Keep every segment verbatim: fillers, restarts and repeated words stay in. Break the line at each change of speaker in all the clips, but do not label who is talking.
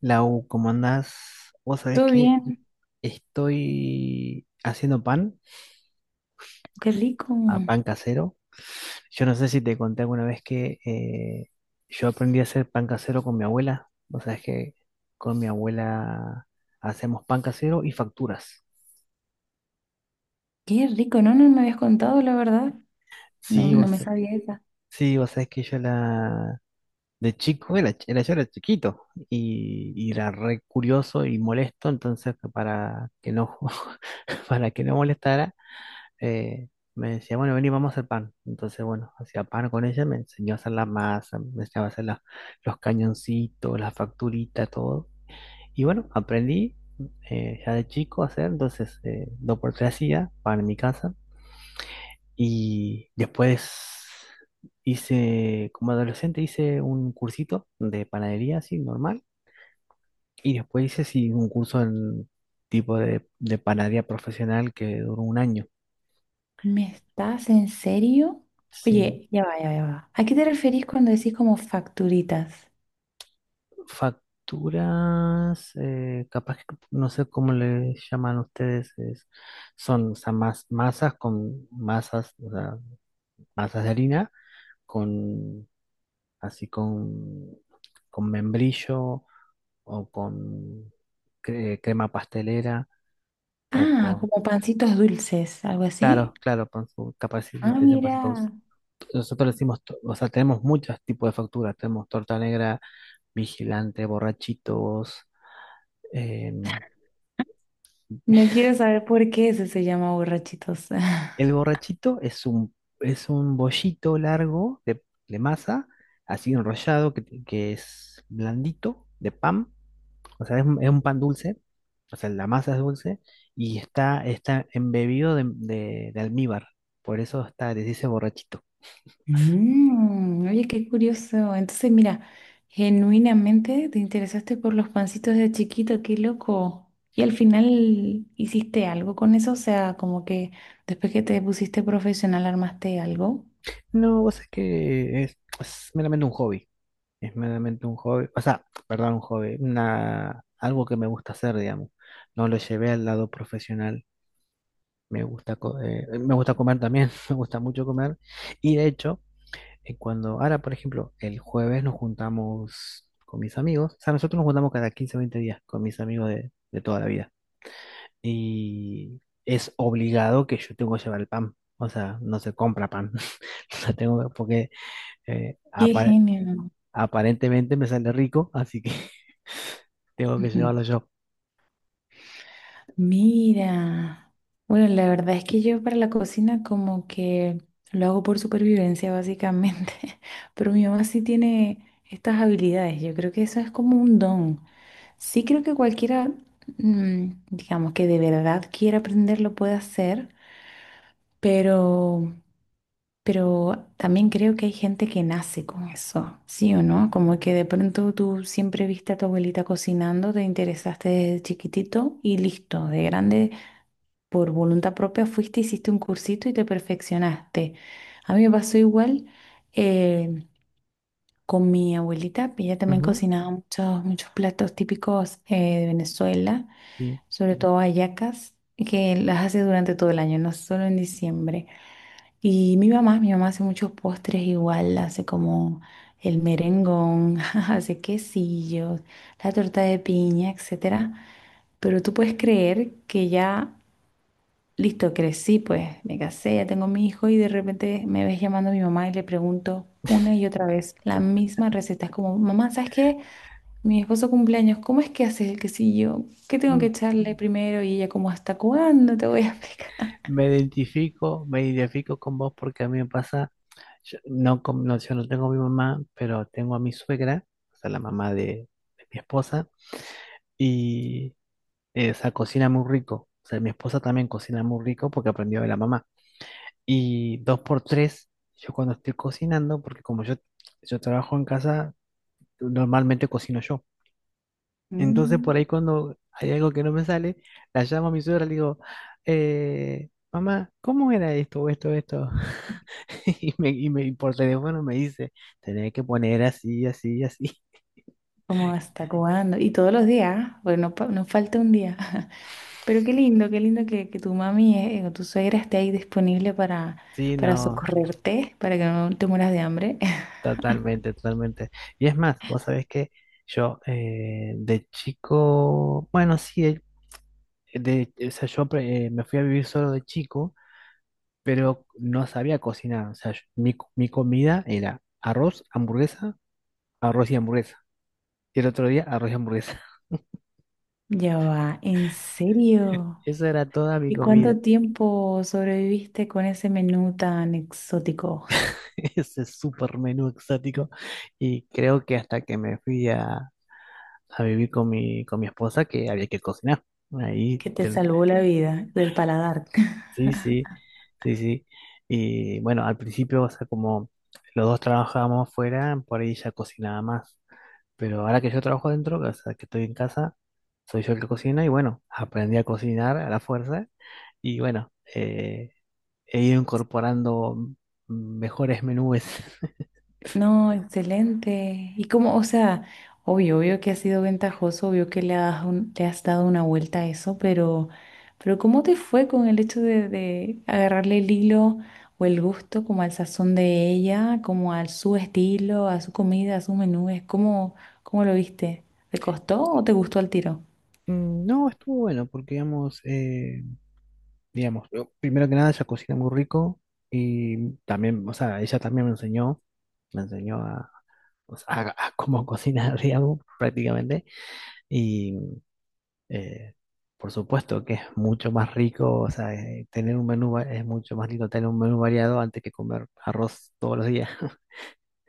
Lau, ¿cómo andás? Vos sabés
Todo
que
bien,
estoy haciendo pan,
qué rico,
a pan casero. Yo no sé si te conté alguna vez que eh, yo aprendí a hacer pan casero con mi abuela. Vos sabés que con mi abuela hacemos pan casero y facturas.
qué rico, no, no me habías contado la verdad, no,
Sí,
no
vos,
me
sa-
sabía esa.
sí, vos sabés que yo la... De chico, era, ch- era- yo era chiquito y, y era re curioso y molesto, entonces para que no, para que no molestara eh, me decía, bueno, vení, vamos a hacer pan. Entonces, bueno, hacía pan con ella, me enseñó a hacer la masa, me enseñaba a hacer la- los cañoncitos, las facturitas, todo. Y bueno, aprendí eh, ya de chico a hacer, entonces eh, dos por tres hacía pan en mi casa. Y después hice, como adolescente, hice un cursito de panadería, así, normal. Y después hice, sí, un curso en tipo de, de panadería profesional que duró un año.
¿Me estás en serio?
Sí.
Oye, ya va, ya va, ya va. ¿A qué te referís cuando decís como facturitas?
Facturas, eh, capaz que no sé cómo le llaman ustedes, es- son, o sea, mas- masas con masas, o sea, masas de harina, con, así, con, con membrillo o con cre- crema pastelera o
Ah,
con,
como pancitos dulces, algo así.
claro, claro, con su capacidad de
Ah,
ustedes en pasta dulce.
mira,
Nosotros le decimos, to- o sea, tenemos muchos tipos de facturas, tenemos torta negra, vigilante, borrachitos, em,
no quiero saber por qué ese se llama borrachitos.
el borrachito es un, es un bollito largo de, de masa, así enrollado, que, que es blandito, de pan. O sea, es, un es un pan dulce. O sea, la masa es dulce y está, está embebido de, de- de almíbar. Por eso está, les dice borrachito.
Mm, oye, qué curioso. Entonces, mira, genuinamente te interesaste por los pancitos de chiquito, qué loco. Y al final hiciste algo con eso, o sea, como que después que te pusiste profesional armaste algo.
No, vos es que es, es meramente un hobby. Es meramente un hobby. O sea, perdón, un hobby. Una, algo que me gusta hacer, digamos. No lo llevé al lado profesional. Me gusta, co- eh, me gusta comer también, me gusta mucho comer. Y de hecho, eh, cuando ahora, por ejemplo, el jueves nos juntamos con mis amigos, o sea, nosotros nos juntamos cada quince o veinte días con mis amigos de, de toda la vida. Y es obligado que yo tengo que llevar el pan. O sea, no se compra pan. Lo tengo que- porque eh,
Qué
apa-
genio.
aparentemente me sale rico, así que tengo que
Ujú.
llevarlo yo.
Mira, bueno, la verdad es que yo para la cocina como que lo hago por supervivencia básicamente. Pero mi mamá sí tiene estas habilidades, yo creo que eso es como un don. Sí creo que cualquiera, mm, digamos, que de verdad quiera aprender lo puede hacer, pero, pero también creo que hay gente que nace con eso, ¿sí o no? Como que de pronto tú siempre viste a tu abuelita cocinando, te interesaste desde chiquitito y listo, de grande por voluntad propia fuiste, hiciste un cursito y te perfeccionaste. A mí me pasó igual eh, con mi abuelita, que ella también
Ujú.
cocinaba muchos, muchos platos típicos eh, de Venezuela.
Sí.
Sobre todo hallacas, que las hace durante todo el año, no solo en diciembre. Y mi mamá, mi mamá hace muchos postres igual, hace como el merengón. Hace quesillos, la torta de piña, etcétera. Pero tú puedes creer que ya, listo, crecí, pues me casé, ya tengo mi hijo y de repente me ves llamando a mi mamá y le pregunto una y otra vez la misma receta. Es como, mamá, ¿sabes qué? Mi esposo cumpleaños, ¿cómo es que haces el quesillo? ¿Qué tengo que
Mm.
echarle primero? Y ella, como, ¿hasta cuándo te voy a explicar?
Me identifico, me identifico con vos porque a mí me pasa, yo no, con- no, yo no tengo a mi mamá, pero tengo a mi suegra, o sea, la mamá de, de mi esposa, y eh, o sea, cocina muy rico. O sea, mi esposa también cocina muy rico porque aprendió de la mamá. Y dos por tres, yo cuando estoy cocinando, porque como yo, yo trabajo en casa, normalmente cocino yo. Entonces,
Mm.
por ahí cuando hay algo que no me sale, la llamo a mi suegra y le digo, eh, mamá, ¿cómo era esto o esto, esto? Y me, y me- y por teléfono me dice, tenés que poner así, así, así.
Como, ¿hasta cuándo? Y todos los días, bueno, no, pa- no falta un día. Pero qué lindo, qué lindo que, que tu mami eh, o tu suegra esté ahí disponible para,
Sí,
para
no,
socorrerte, para que no te mueras de hambre.
totalmente, totalmente. Y es más, vos sabés que yo, eh, de chico, bueno, sí, eh, de, o sea, yo, eh, me fui a vivir solo de chico, pero no sabía cocinar. O sea, yo- mi, co- mi comida era arroz, hamburguesa, arroz y hamburguesa. Y el otro día arroz y hamburguesa.
Ya va, ¿en serio?
Esa era toda mi
¿Y
comida,
cuánto tiempo sobreviviste con ese menú tan exótico
ese super menú exótico. Y creo que hasta que me fui a, a vivir con mi, con mi esposa que había que cocinar. Ahí,
que te
te-
salvó la vida del paladar?
sí, sí, sí, sí. Y bueno, al principio, o sea, como los dos trabajábamos fuera, por ahí ya cocinaba más. Pero ahora que yo trabajo adentro, o sea, que estoy en casa, soy yo el que cocina y bueno, aprendí a cocinar a la fuerza. Y bueno, eh, he ido incorporando mejores menús.
No, excelente. Y como, o sea, obvio, obvio que ha sido ventajoso, obvio que le has, un- le has dado una vuelta a eso, pero, pero ¿cómo te fue con el hecho de, de agarrarle el hilo o el gusto como al sazón de ella, como a su estilo, a su comida, a sus menús? ¿Cómo, cómo lo viste? ¿Te costó o te gustó al tiro?
No, estuvo bueno porque, digamos, eh, digamos, yo, primero que nada ella cocina muy rico y también, o sea, ella también me enseñó, me enseñó a, o sea, a- a cómo cocinar, digamos, prácticamente. Y eh, por supuesto que es mucho más rico, o sea, eh, tener un menú, va- es mucho más lindo tener un menú variado antes que comer arroz todos los días.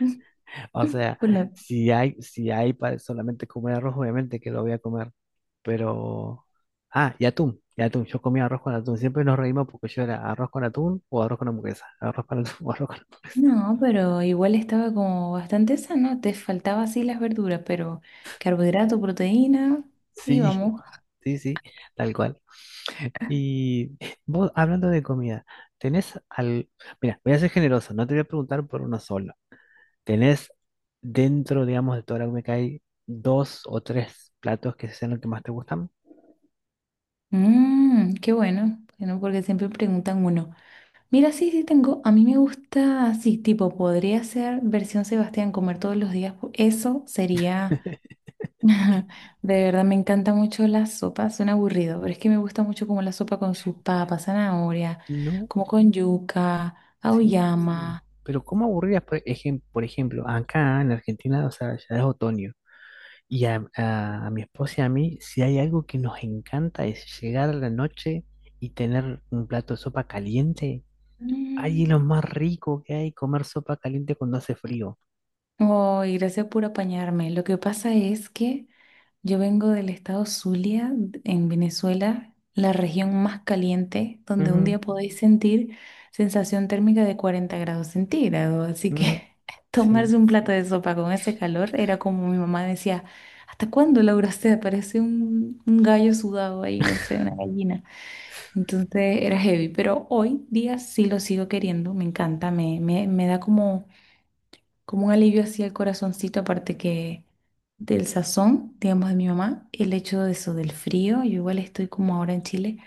Mm,
O
mm.
sea,
Bueno,
si hay, si hay para solamente comer arroz, obviamente que lo voy a comer. Pero. Ah, y atún, y atún. Yo comía arroz con atún. Siempre nos reímos porque yo era arroz con atún o arroz con hamburguesa. Arroz con atún o arroz con atún.
no, pero igual estaba como bastante sano, te faltaba así las verduras, pero carbohidrato, proteína,
Sí,
íbamos.
sí, sí, tal cual. Y vos, hablando de comida, ¿tenés al... Mira, voy a ser generoso, no te voy a preguntar por uno solo. ¿Tenés dentro, digamos, de toda la comida que hay dos o tres platos que sean los que más te gustan?
Mm, qué bueno, bueno, porque siempre preguntan uno. Mira, sí, sí tengo, a mí me gusta así, tipo, podría ser versión Sebastián, comer todos los días. po- Eso sería, de verdad me encanta mucho la sopa, suena aburrido, pero es que me gusta mucho como la sopa con sus papas, zanahoria,
No.
como con yuca,
Sí,
auyama.
pero ¿cómo aburridas? Por ejem- por ejemplo, acá en Argentina, o sea, ya es otoño. Y a, a- a mi esposa y a mí, si hay algo que nos encanta es llegar a la noche y tener un plato de sopa caliente. Ay, es lo
Mm.
más rico que hay, comer sopa caliente cuando hace frío.
Ay, gracias por apañarme. Lo que pasa es que... Yo vengo del estado Zulia, en Venezuela, la región más caliente, donde un día podéis sentir sensación térmica de cuarenta grados centígrados. Así
Ujú,
que
ujú,
tomarse
sí.
un plato de sopa con ese calor era como mi mamá decía, ¿hasta cuándo, Laura? O sea, parece un, un gallo sudado ahí, no sé, una gallina. Entonces era heavy, pero hoy día sí lo sigo queriendo, me encanta, me, me, me da como como un alivio hacia el corazoncito, aparte que del sazón, digamos, de mi mamá, el hecho de eso, del frío, yo igual estoy como ahora en Chile.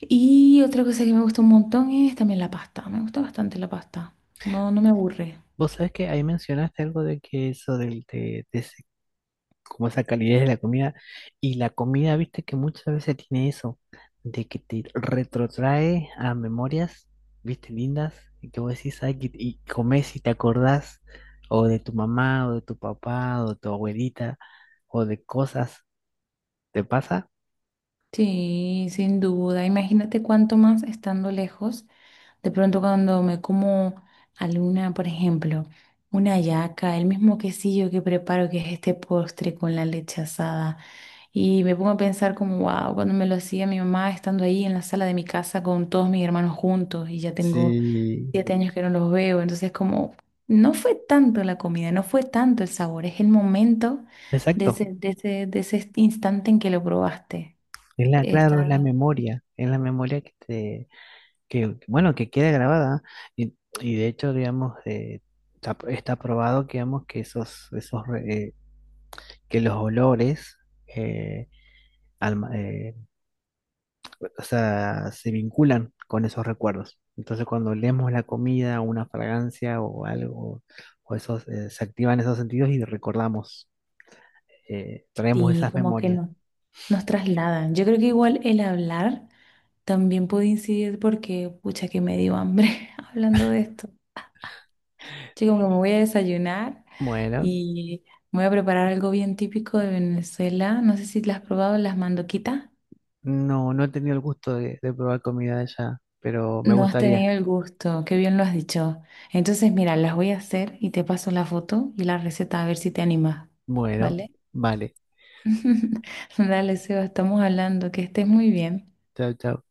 Y otra cosa que me gusta un montón es también la pasta, me gusta bastante la pasta, no, no me aburre.
Vos sabés que ahí mencionaste algo de que eso del, de, como esa calidez de la comida. Y la comida, viste que muchas veces tiene eso, de que te retrotrae a memorias, viste, lindas, y que vos decís, ay, que- y comés y te acordás, o de tu mamá, o de tu papá, o de tu abuelita, o de cosas. ¿Te pasa?
Sí, sin duda, imagínate cuánto más estando lejos, de pronto cuando me como alguna, por ejemplo, una hallaca el mismo quesillo que preparo, que es este postre con la leche asada. Y me pongo a pensar como, wow, cuando me lo hacía mi mamá estando ahí en la sala de mi casa con todos mis hermanos juntos y ya tengo
Sí.
siete años que no los veo, entonces como, no fue tanto la comida, no fue tanto el sabor, es el momento de
Exacto.
ese, de ese, de ese instante en que lo probaste.
Es la, claro, es la
Está,
memoria, es la memoria que te, que, bueno, que queda grabada. Y, y de hecho, digamos, eh, está, está probado, digamos, que esos, esos eh, que los olores, eh, alma- eh, o sea, se vinculan con esos recuerdos. Entonces, cuando leemos la comida, una fragancia o algo, o esos, eh, se activan esos sentidos y recordamos, eh, traemos
sí,
esas
como que
memorias.
no, nos trasladan. Yo creo que igual el hablar también puede incidir porque, pucha, que me dio hambre hablando de esto. Yo como que me voy a desayunar.
Bueno,
Y me voy a preparar algo bien típico de Venezuela. No sé si las has probado las mandoquitas.
no, no he tenido el gusto de, de probar comida de allá, pero me
No has
gustaría.
tenido el gusto, qué bien lo has dicho. Entonces, mira, las voy a hacer y te paso la foto y la receta a ver si te animas,
Bueno,
¿vale?
vale.
Dale, Seba, estamos hablando, que estés muy bien.
Chao, chao.